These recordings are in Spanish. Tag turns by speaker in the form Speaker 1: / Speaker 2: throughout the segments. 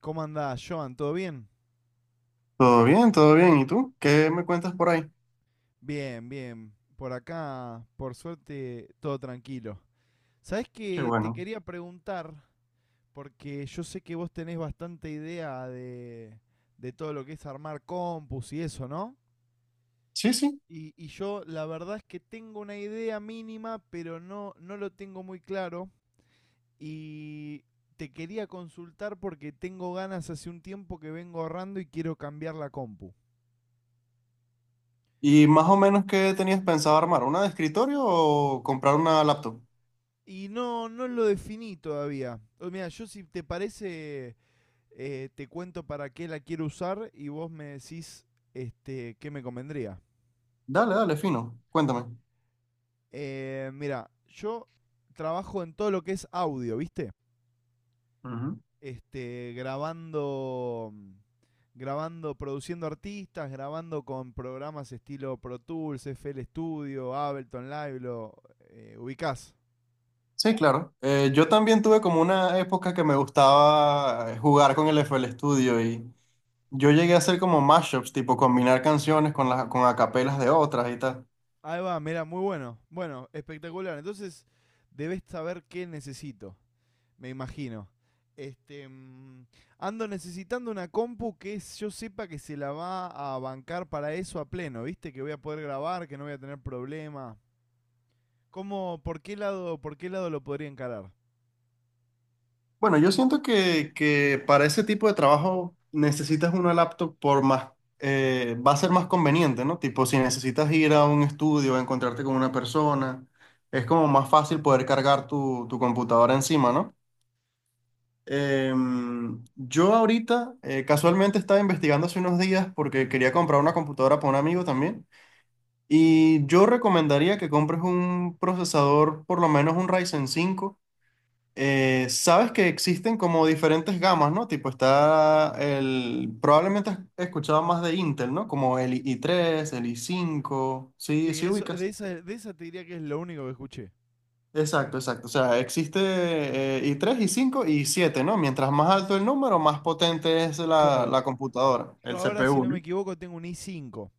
Speaker 1: ¿Cómo andás, Joan? ¿Todo bien?
Speaker 2: Todo bien, todo bien. ¿Y tú? ¿Qué me cuentas por ahí?
Speaker 1: Bien, bien. Por acá, por suerte, todo tranquilo. ¿Sabés
Speaker 2: Qué
Speaker 1: que te
Speaker 2: bueno.
Speaker 1: quería preguntar? Porque yo sé que vos tenés bastante idea de todo lo que es armar compus y eso, ¿no?
Speaker 2: Sí, sí.
Speaker 1: Y yo la verdad es que tengo una idea mínima, pero no lo tengo muy claro. Y te quería consultar porque tengo ganas hace un tiempo que vengo ahorrando y quiero cambiar la compu.
Speaker 2: ¿Y más o menos qué tenías pensado armar? ¿Una de escritorio o comprar una laptop?
Speaker 1: Y no lo definí todavía. O, mira, yo si te parece, te cuento para qué la quiero usar y vos me decís este, qué me convendría.
Speaker 2: Dale, dale, fino. Cuéntame.
Speaker 1: Mira, yo trabajo en todo lo que es audio, ¿viste?
Speaker 2: Ujú.
Speaker 1: Este, grabando, produciendo artistas, grabando con programas estilo Pro Tools, FL Studio, Ableton Live, lo ubicás.
Speaker 2: Sí, claro. Yo también tuve como una época que me gustaba jugar con el F. L. Studio y yo llegué a hacer como mashups, tipo combinar canciones con las con acapelas de otras y tal.
Speaker 1: Ahí va, mira, muy bueno. Bueno, espectacular. Entonces, debes saber qué necesito, me imagino. Este, ando necesitando una compu que yo sepa que se la va a bancar para eso a pleno, ¿viste? Que voy a poder grabar, que no voy a tener problema. ¿Cómo, por qué lado lo podría encarar?
Speaker 2: Bueno, yo siento que para ese tipo de trabajo necesitas una laptop por más, va a ser más conveniente, ¿no? Tipo, si necesitas ir a un estudio, encontrarte con una persona, es como más fácil poder cargar tu computadora encima, ¿no? Yo ahorita casualmente estaba investigando hace unos días porque quería comprar una computadora para un amigo también y yo recomendaría que compres un procesador, por lo menos un Ryzen cinco. Sabes que existen como diferentes gamas, ¿no? Tipo, probablemente has escuchado más de Intel, ¿no? Como el i3, el i5, sí,
Speaker 1: Sí,
Speaker 2: sí
Speaker 1: eso, de
Speaker 2: ubicas.
Speaker 1: esa, de esa te diría que es lo único que escuché.
Speaker 2: Exacto, exacto. O sea, existe i3, i5 y i7, ¿no? Mientras más alto el número, más potente es la,
Speaker 1: Claro.
Speaker 2: la computadora,
Speaker 1: Yo
Speaker 2: el
Speaker 1: ahora, si
Speaker 2: CPU,
Speaker 1: no me
Speaker 2: ¿no?
Speaker 1: equivoco, tengo un i5.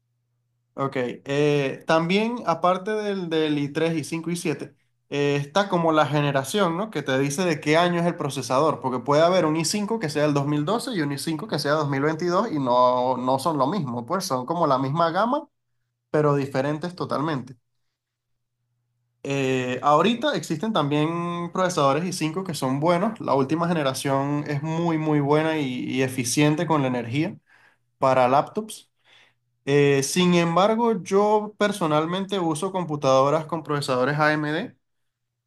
Speaker 2: Ok, también aparte del i tres i cinco i siete está como la generación, ¿no? Que te dice de qué año es el procesador, porque puede haber un i cinco que sea el 2012 y un i cinco que sea 2022 y no son lo mismo, pues son como la misma gama, pero diferentes totalmente. Ahorita existen también procesadores i cinco que son buenos, la última generación es muy, muy buena y eficiente con la energía para laptops. Sin embargo, yo personalmente uso computadoras con procesadores AMD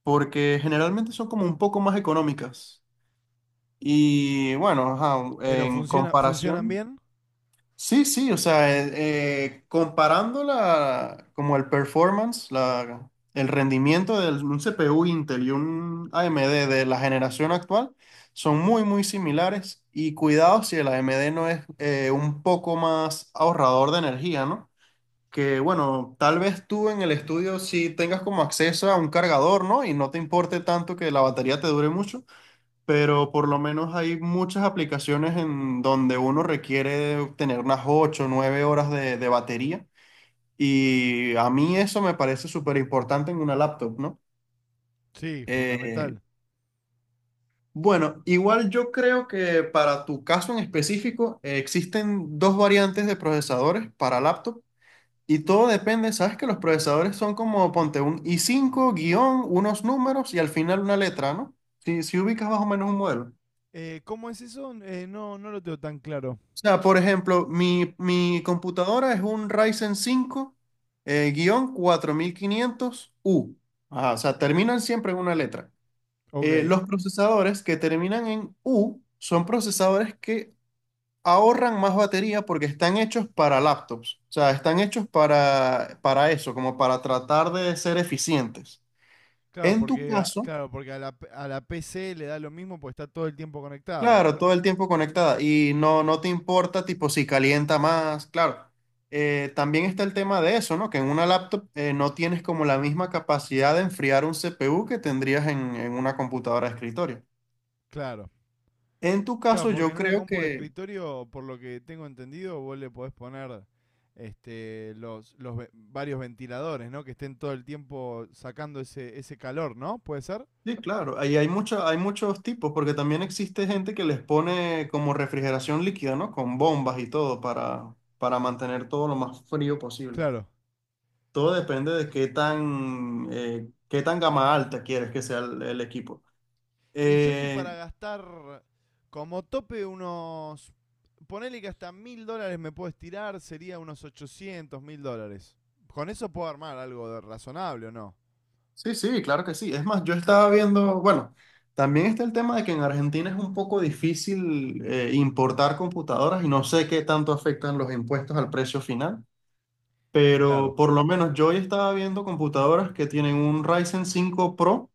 Speaker 2: porque generalmente son como un poco más económicas. Y bueno, ajá,
Speaker 1: Pero
Speaker 2: en
Speaker 1: funciona, ¿funcionan
Speaker 2: comparación,
Speaker 1: bien?
Speaker 2: sí, sí, o sea, comparando como el performance, el rendimiento de un CPU Intel y un AMD de la generación actual, son muy, muy similares. Y cuidado si el AMD no es un poco más ahorrador de energía, ¿no? Que bueno, tal vez tú en el estudio sí tengas como acceso a un cargador, ¿no? Y no te importe tanto que la batería te dure mucho, pero por lo menos hay muchas aplicaciones en donde uno requiere tener unas 8 o 9 horas de batería. Y a mí eso me parece súper importante en una laptop, ¿no?
Speaker 1: Sí,
Speaker 2: Eh,
Speaker 1: fundamental.
Speaker 2: bueno, igual yo creo que para tu caso en específico existen dos variantes de procesadores para laptop. Y todo depende, sabes que los procesadores son como, ponte un i cinco guión, unos números y al final una letra, ¿no? Si, si ubicas más o menos un modelo.
Speaker 1: ¿Cómo es eso? No, no lo tengo tan claro.
Speaker 2: O sea, por ejemplo, mi computadora es un Ryzen 5 guión 4500 u. Ajá, o sea, terminan siempre en una letra. Eh,
Speaker 1: Ok.
Speaker 2: los procesadores que terminan en U son procesadores que ahorran más batería porque están hechos para laptops. O sea, están hechos para eso, como para tratar de ser eficientes.
Speaker 1: Claro,
Speaker 2: En tu
Speaker 1: porque, a-
Speaker 2: caso,
Speaker 1: claro, porque a, la, a la PC le da lo mismo porque está todo el tiempo conectada.
Speaker 2: claro, todo el tiempo conectada y no te importa tipo si calienta más, claro. También está el tema de eso, ¿no? Que en una laptop no tienes como la misma capacidad de enfriar un CPU que tendrías en una computadora de escritorio.
Speaker 1: Claro.
Speaker 2: En tu
Speaker 1: Claro,
Speaker 2: caso,
Speaker 1: porque
Speaker 2: yo
Speaker 1: en una
Speaker 2: creo
Speaker 1: compu de
Speaker 2: que,
Speaker 1: escritorio, por lo que tengo entendido, vos le podés poner este, los varios ventiladores, ¿no? Que estén todo el tiempo sacando ese calor, ¿no? ¿Puede ser?
Speaker 2: sí, claro, ahí hay hay muchos tipos, porque también existe gente que les pone como refrigeración líquida, ¿no? Con bombas y todo para mantener todo lo más frío posible.
Speaker 1: Claro.
Speaker 2: Todo depende de qué tan gama alta quieres que sea el equipo.
Speaker 1: Y yo estoy para
Speaker 2: Eh,
Speaker 1: gastar como tope unos... Ponele que hasta $1000 me puedo estirar, sería unos $800000. Con eso puedo armar algo de- razonable o no.
Speaker 2: sí, sí, claro que sí. Es más, yo estaba viendo, bueno, también está el tema de que en Argentina es un poco difícil importar computadoras y no sé qué tanto afectan los impuestos al precio final, pero
Speaker 1: Claro.
Speaker 2: por lo menos yo hoy estaba viendo computadoras que tienen un Ryzen cinco Pro.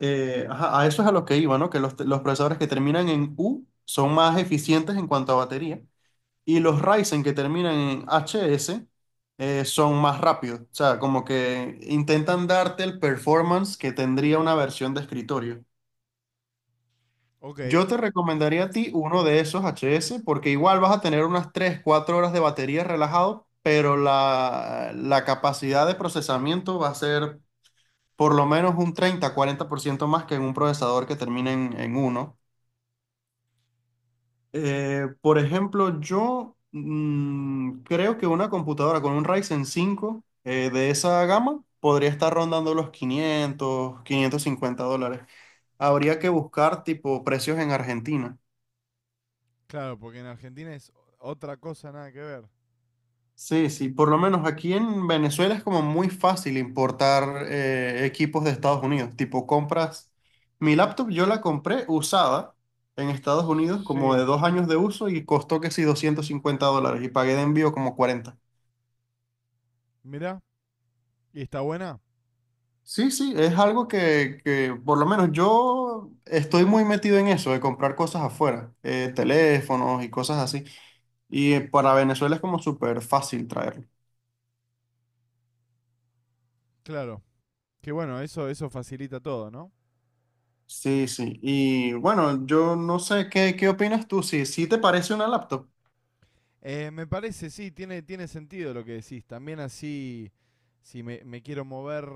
Speaker 2: Ajá, a eso es a lo que iba, ¿no? Que los procesadores que terminan en U son más eficientes en cuanto a batería. Y los Ryzen que terminan en HS son más rápidos. O sea, como que intentan darte el performance que tendría una versión de escritorio.
Speaker 1: Ok,
Speaker 2: Yo te recomendaría a ti uno de esos HS porque igual vas a tener unas 3, 4 horas de batería relajado, pero la capacidad de procesamiento va a ser por lo menos un 30, 40% más que en un procesador que termine en 1. Por ejemplo, yo creo que una computadora con un Ryzen cinco de esa gama podría estar rondando los 500, $550. Habría que buscar tipo precios en Argentina.
Speaker 1: claro, porque en Argentina es otra cosa, nada que ver.
Speaker 2: Sí, sí, por lo menos aquí en Venezuela es como muy fácil importar equipos de Estados Unidos. Tipo, compras mi laptop, yo la compré usada en Estados Unidos como de
Speaker 1: Sí,
Speaker 2: 2 años de uso y costó que sí $250 y pagué de envío como 40.
Speaker 1: mirá, ¿y está buena?
Speaker 2: Sí, sí, es algo que por lo menos yo estoy muy metido en eso, de comprar cosas afuera, teléfonos y cosas así. Y para Venezuela es como súper fácil traerlo.
Speaker 1: Claro, que bueno, eso facilita todo, ¿no?
Speaker 2: Sí, sí. Y bueno, yo no sé, ¿qué opinas tú? Si, si te parece una laptop.
Speaker 1: Me parece, sí, tiene, tiene sentido lo que decís. También así, si me quiero mover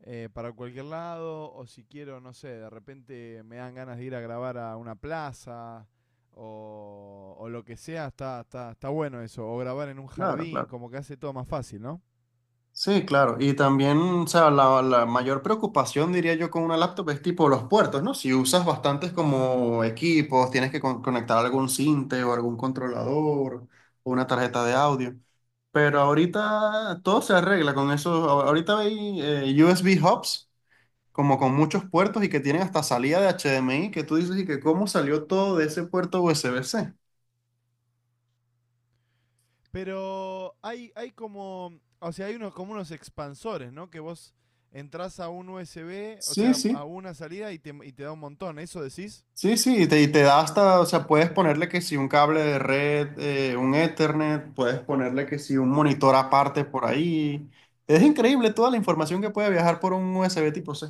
Speaker 1: para cualquier lado, o si quiero, no sé, de repente me dan ganas de ir a grabar a una plaza, o lo que sea, está bueno eso. O grabar en un
Speaker 2: Claro,
Speaker 1: jardín,
Speaker 2: claro.
Speaker 1: como que hace todo más fácil, ¿no?
Speaker 2: Sí, claro. Y también, o sea, la mayor preocupación, diría yo, con una laptop es tipo los puertos, ¿no? Si usas bastantes como equipos, tienes que conectar algún sinte o algún controlador o una tarjeta de audio. Pero ahorita todo se arregla con eso. Ahorita hay USB hubs, como con muchos puertos y que tienen hasta salida de HDMI, que tú dices y que cómo salió todo de ese puerto USB-C.
Speaker 1: Pero hay como, o sea, hay unos, como unos expansores, ¿no? Que vos entras a un USB, o
Speaker 2: Sí,
Speaker 1: sea, a
Speaker 2: sí.
Speaker 1: una salida y te da un montón. ¿Eso decís?
Speaker 2: Sí, sí, y te da hasta, o sea, puedes ponerle que si un cable de red, un Ethernet, puedes ponerle que si un monitor aparte por ahí. Es increíble toda la información que puede viajar por un USB tipo C.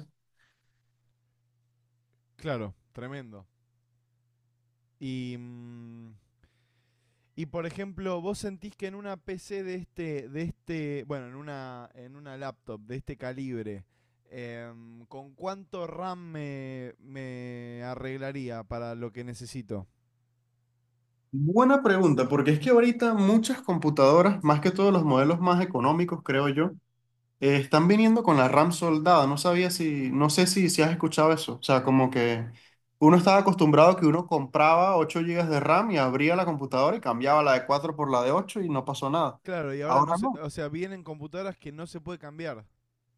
Speaker 1: Claro, tremendo. Y, y por ejemplo, vos sentís que en una PC de este, bueno, en una laptop de este calibre, ¿con cuánto RAM me, me arreglaría para lo que necesito?
Speaker 2: Buena pregunta, porque es que ahorita muchas computadoras, más que todos los modelos más económicos, creo yo, están viniendo con la RAM soldada, no sabía si, no sé si, si has escuchado eso. O sea, como que uno estaba acostumbrado a que uno compraba 8 gigas de RAM y abría la computadora y cambiaba la de 4 por la de 8 y no pasó nada.
Speaker 1: Claro, y ahora no
Speaker 2: Ahora
Speaker 1: se,
Speaker 2: no.
Speaker 1: o sea, vienen computadoras que no se puede cambiar.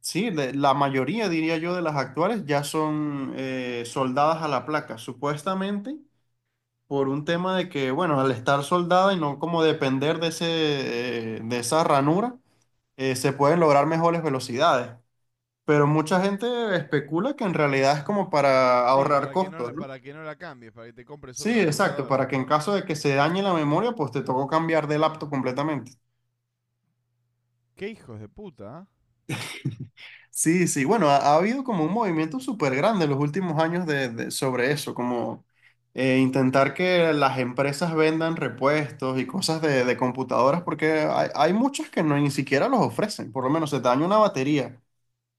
Speaker 2: Sí, la mayoría, diría yo, de las actuales ya son soldadas a la placa, supuestamente por un tema de que, bueno, al estar soldada y no como depender de de esa ranura, se pueden lograr mejores velocidades. Pero mucha gente especula que en realidad es como para
Speaker 1: Sí,
Speaker 2: ahorrar
Speaker 1: para que no,
Speaker 2: costos,
Speaker 1: la-
Speaker 2: ¿no?
Speaker 1: para que no la cambies, para que te compres
Speaker 2: Sí,
Speaker 1: otra
Speaker 2: exacto,
Speaker 1: computadora.
Speaker 2: para que en caso de que se dañe la memoria, pues te tocó cambiar de laptop completamente.
Speaker 1: Qué hijos de puta, ¿ah?
Speaker 2: Sí, sí, bueno, ha habido como un movimiento súper grande en los últimos años sobre eso, como intentar que las empresas vendan repuestos y cosas de computadoras, porque hay muchas que no, ni siquiera los ofrecen, por lo menos se te daña una batería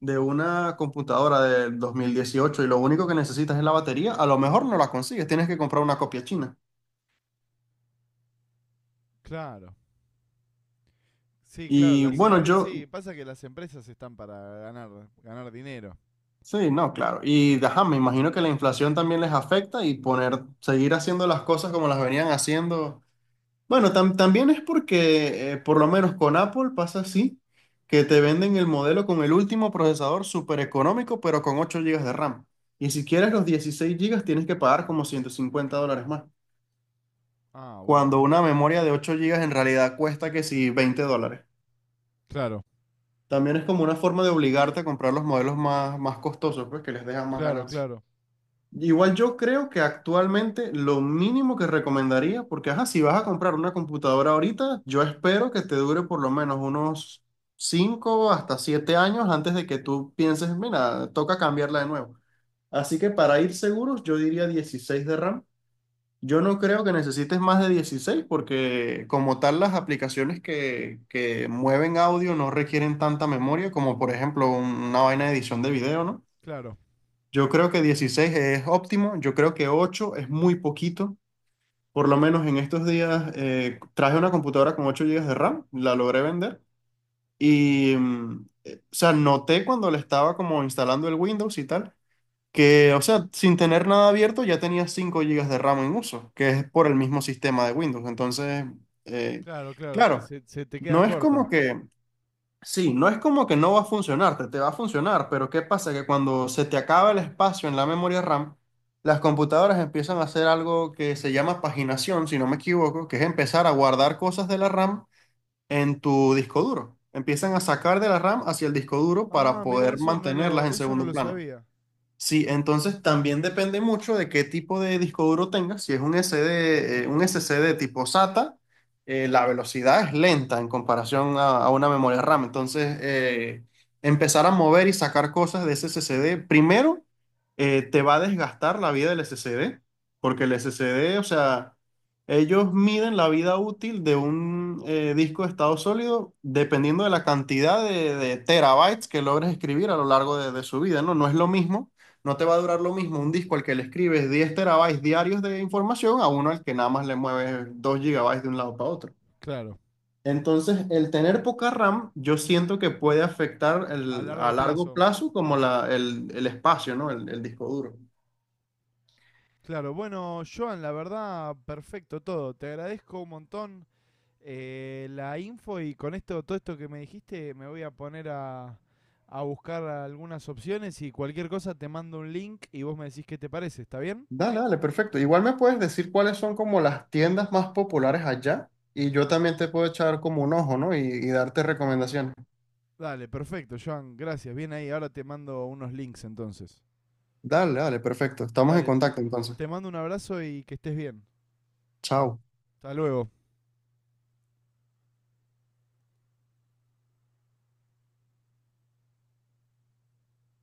Speaker 2: de una computadora del 2018 y lo único que necesitas es la batería, a lo mejor no la consigues, tienes que comprar una copia china.
Speaker 1: Claro. Sí, claro,
Speaker 2: Y sí,
Speaker 1: las
Speaker 2: bueno,
Speaker 1: empresas,
Speaker 2: claro.
Speaker 1: sí,
Speaker 2: Yo,
Speaker 1: pasa que las empresas están para ganar, ganar dinero.
Speaker 2: sí, no, claro. Y ajá, me imagino que la inflación también les afecta y seguir haciendo las cosas como las venían haciendo. Bueno, también es porque, por lo menos con Apple pasa así, que te venden el modelo con el último procesador súper económico, pero con 8 gigas de RAM. Y si quieres los 16 gigas tienes que pagar como $150 más.
Speaker 1: Ah, bueno.
Speaker 2: Cuando una memoria de 8 gigas en realidad cuesta que si $20.
Speaker 1: Claro.
Speaker 2: También es como una forma de obligarte a comprar los modelos más, más costosos, pues que les dejan más
Speaker 1: Claro,
Speaker 2: ganancia.
Speaker 1: claro,
Speaker 2: Igual yo creo que actualmente lo mínimo que recomendaría, porque ajá, si vas a comprar una computadora ahorita, yo espero que te dure por lo menos unos 5 hasta 7 años antes de que tú pienses, mira, toca cambiarla de nuevo. Así que para ir seguros, yo diría 16 de RAM. Yo no creo que necesites más de 16 porque como tal las aplicaciones que mueven audio no requieren tanta memoria como por ejemplo una vaina de edición de video, ¿no?
Speaker 1: claro,
Speaker 2: Yo creo que 16 es óptimo, yo creo que 8 es muy poquito, por lo menos en estos días traje una computadora con 8 gigas de RAM, la logré vender y, o sea, noté cuando le estaba como instalando el Windows y tal que, o sea, sin tener nada abierto ya tenía 5 gigas de RAM en uso, que es por el mismo sistema de Windows. Entonces, eh,
Speaker 1: claro, te-
Speaker 2: claro,
Speaker 1: se te queda
Speaker 2: no es como
Speaker 1: corta.
Speaker 2: que, sí, no es como que no va a funcionar, te va a funcionar, pero ¿qué pasa? Que cuando se te acaba el espacio en la memoria RAM, las computadoras empiezan a hacer algo que se llama paginación, si no me equivoco, que es empezar a guardar cosas de la RAM en tu disco duro. Empiezan a sacar de la RAM hacia el disco duro para
Speaker 1: Ah, mira,
Speaker 2: poder mantenerlas en
Speaker 1: eso no
Speaker 2: segundo
Speaker 1: lo
Speaker 2: plano.
Speaker 1: sabía.
Speaker 2: Sí, entonces también depende mucho de qué tipo de disco duro tengas. Si es un SSD tipo SATA, la velocidad es lenta en comparación a una memoria RAM. Entonces, empezar a mover y sacar cosas de ese SSD, primero, te va a desgastar la vida del SSD, porque el SSD, o sea, ellos miden la vida útil de un disco de estado sólido dependiendo de la cantidad de terabytes que logres escribir a lo largo de su vida, ¿no? No es lo mismo, no te va a durar lo mismo un disco al que le escribes 10 terabytes diarios de información a uno al que nada más le mueves 2 gigabytes de un lado para otro.
Speaker 1: Claro,
Speaker 2: Entonces, el tener poca RAM, yo siento que puede afectar
Speaker 1: a
Speaker 2: a
Speaker 1: largo
Speaker 2: largo
Speaker 1: plazo.
Speaker 2: plazo como el espacio, ¿no? El disco duro.
Speaker 1: Claro, bueno, Joan, la verdad, perfecto todo. Te agradezco un montón la info y con esto, todo esto que me dijiste, me voy a poner a buscar algunas opciones y cualquier cosa te mando un link y vos me decís qué te parece, ¿está bien?
Speaker 2: Dale, dale, perfecto. Igual me puedes decir cuáles son como las tiendas más populares allá y yo también te puedo echar como un ojo, ¿no? Y darte recomendaciones.
Speaker 1: Dale, perfecto, Joan, gracias. Bien ahí, ahora te mando unos links entonces.
Speaker 2: Dale, dale, perfecto. Estamos en
Speaker 1: Dale,
Speaker 2: contacto entonces.
Speaker 1: te mando un abrazo y que estés bien.
Speaker 2: Chao.
Speaker 1: Hasta luego.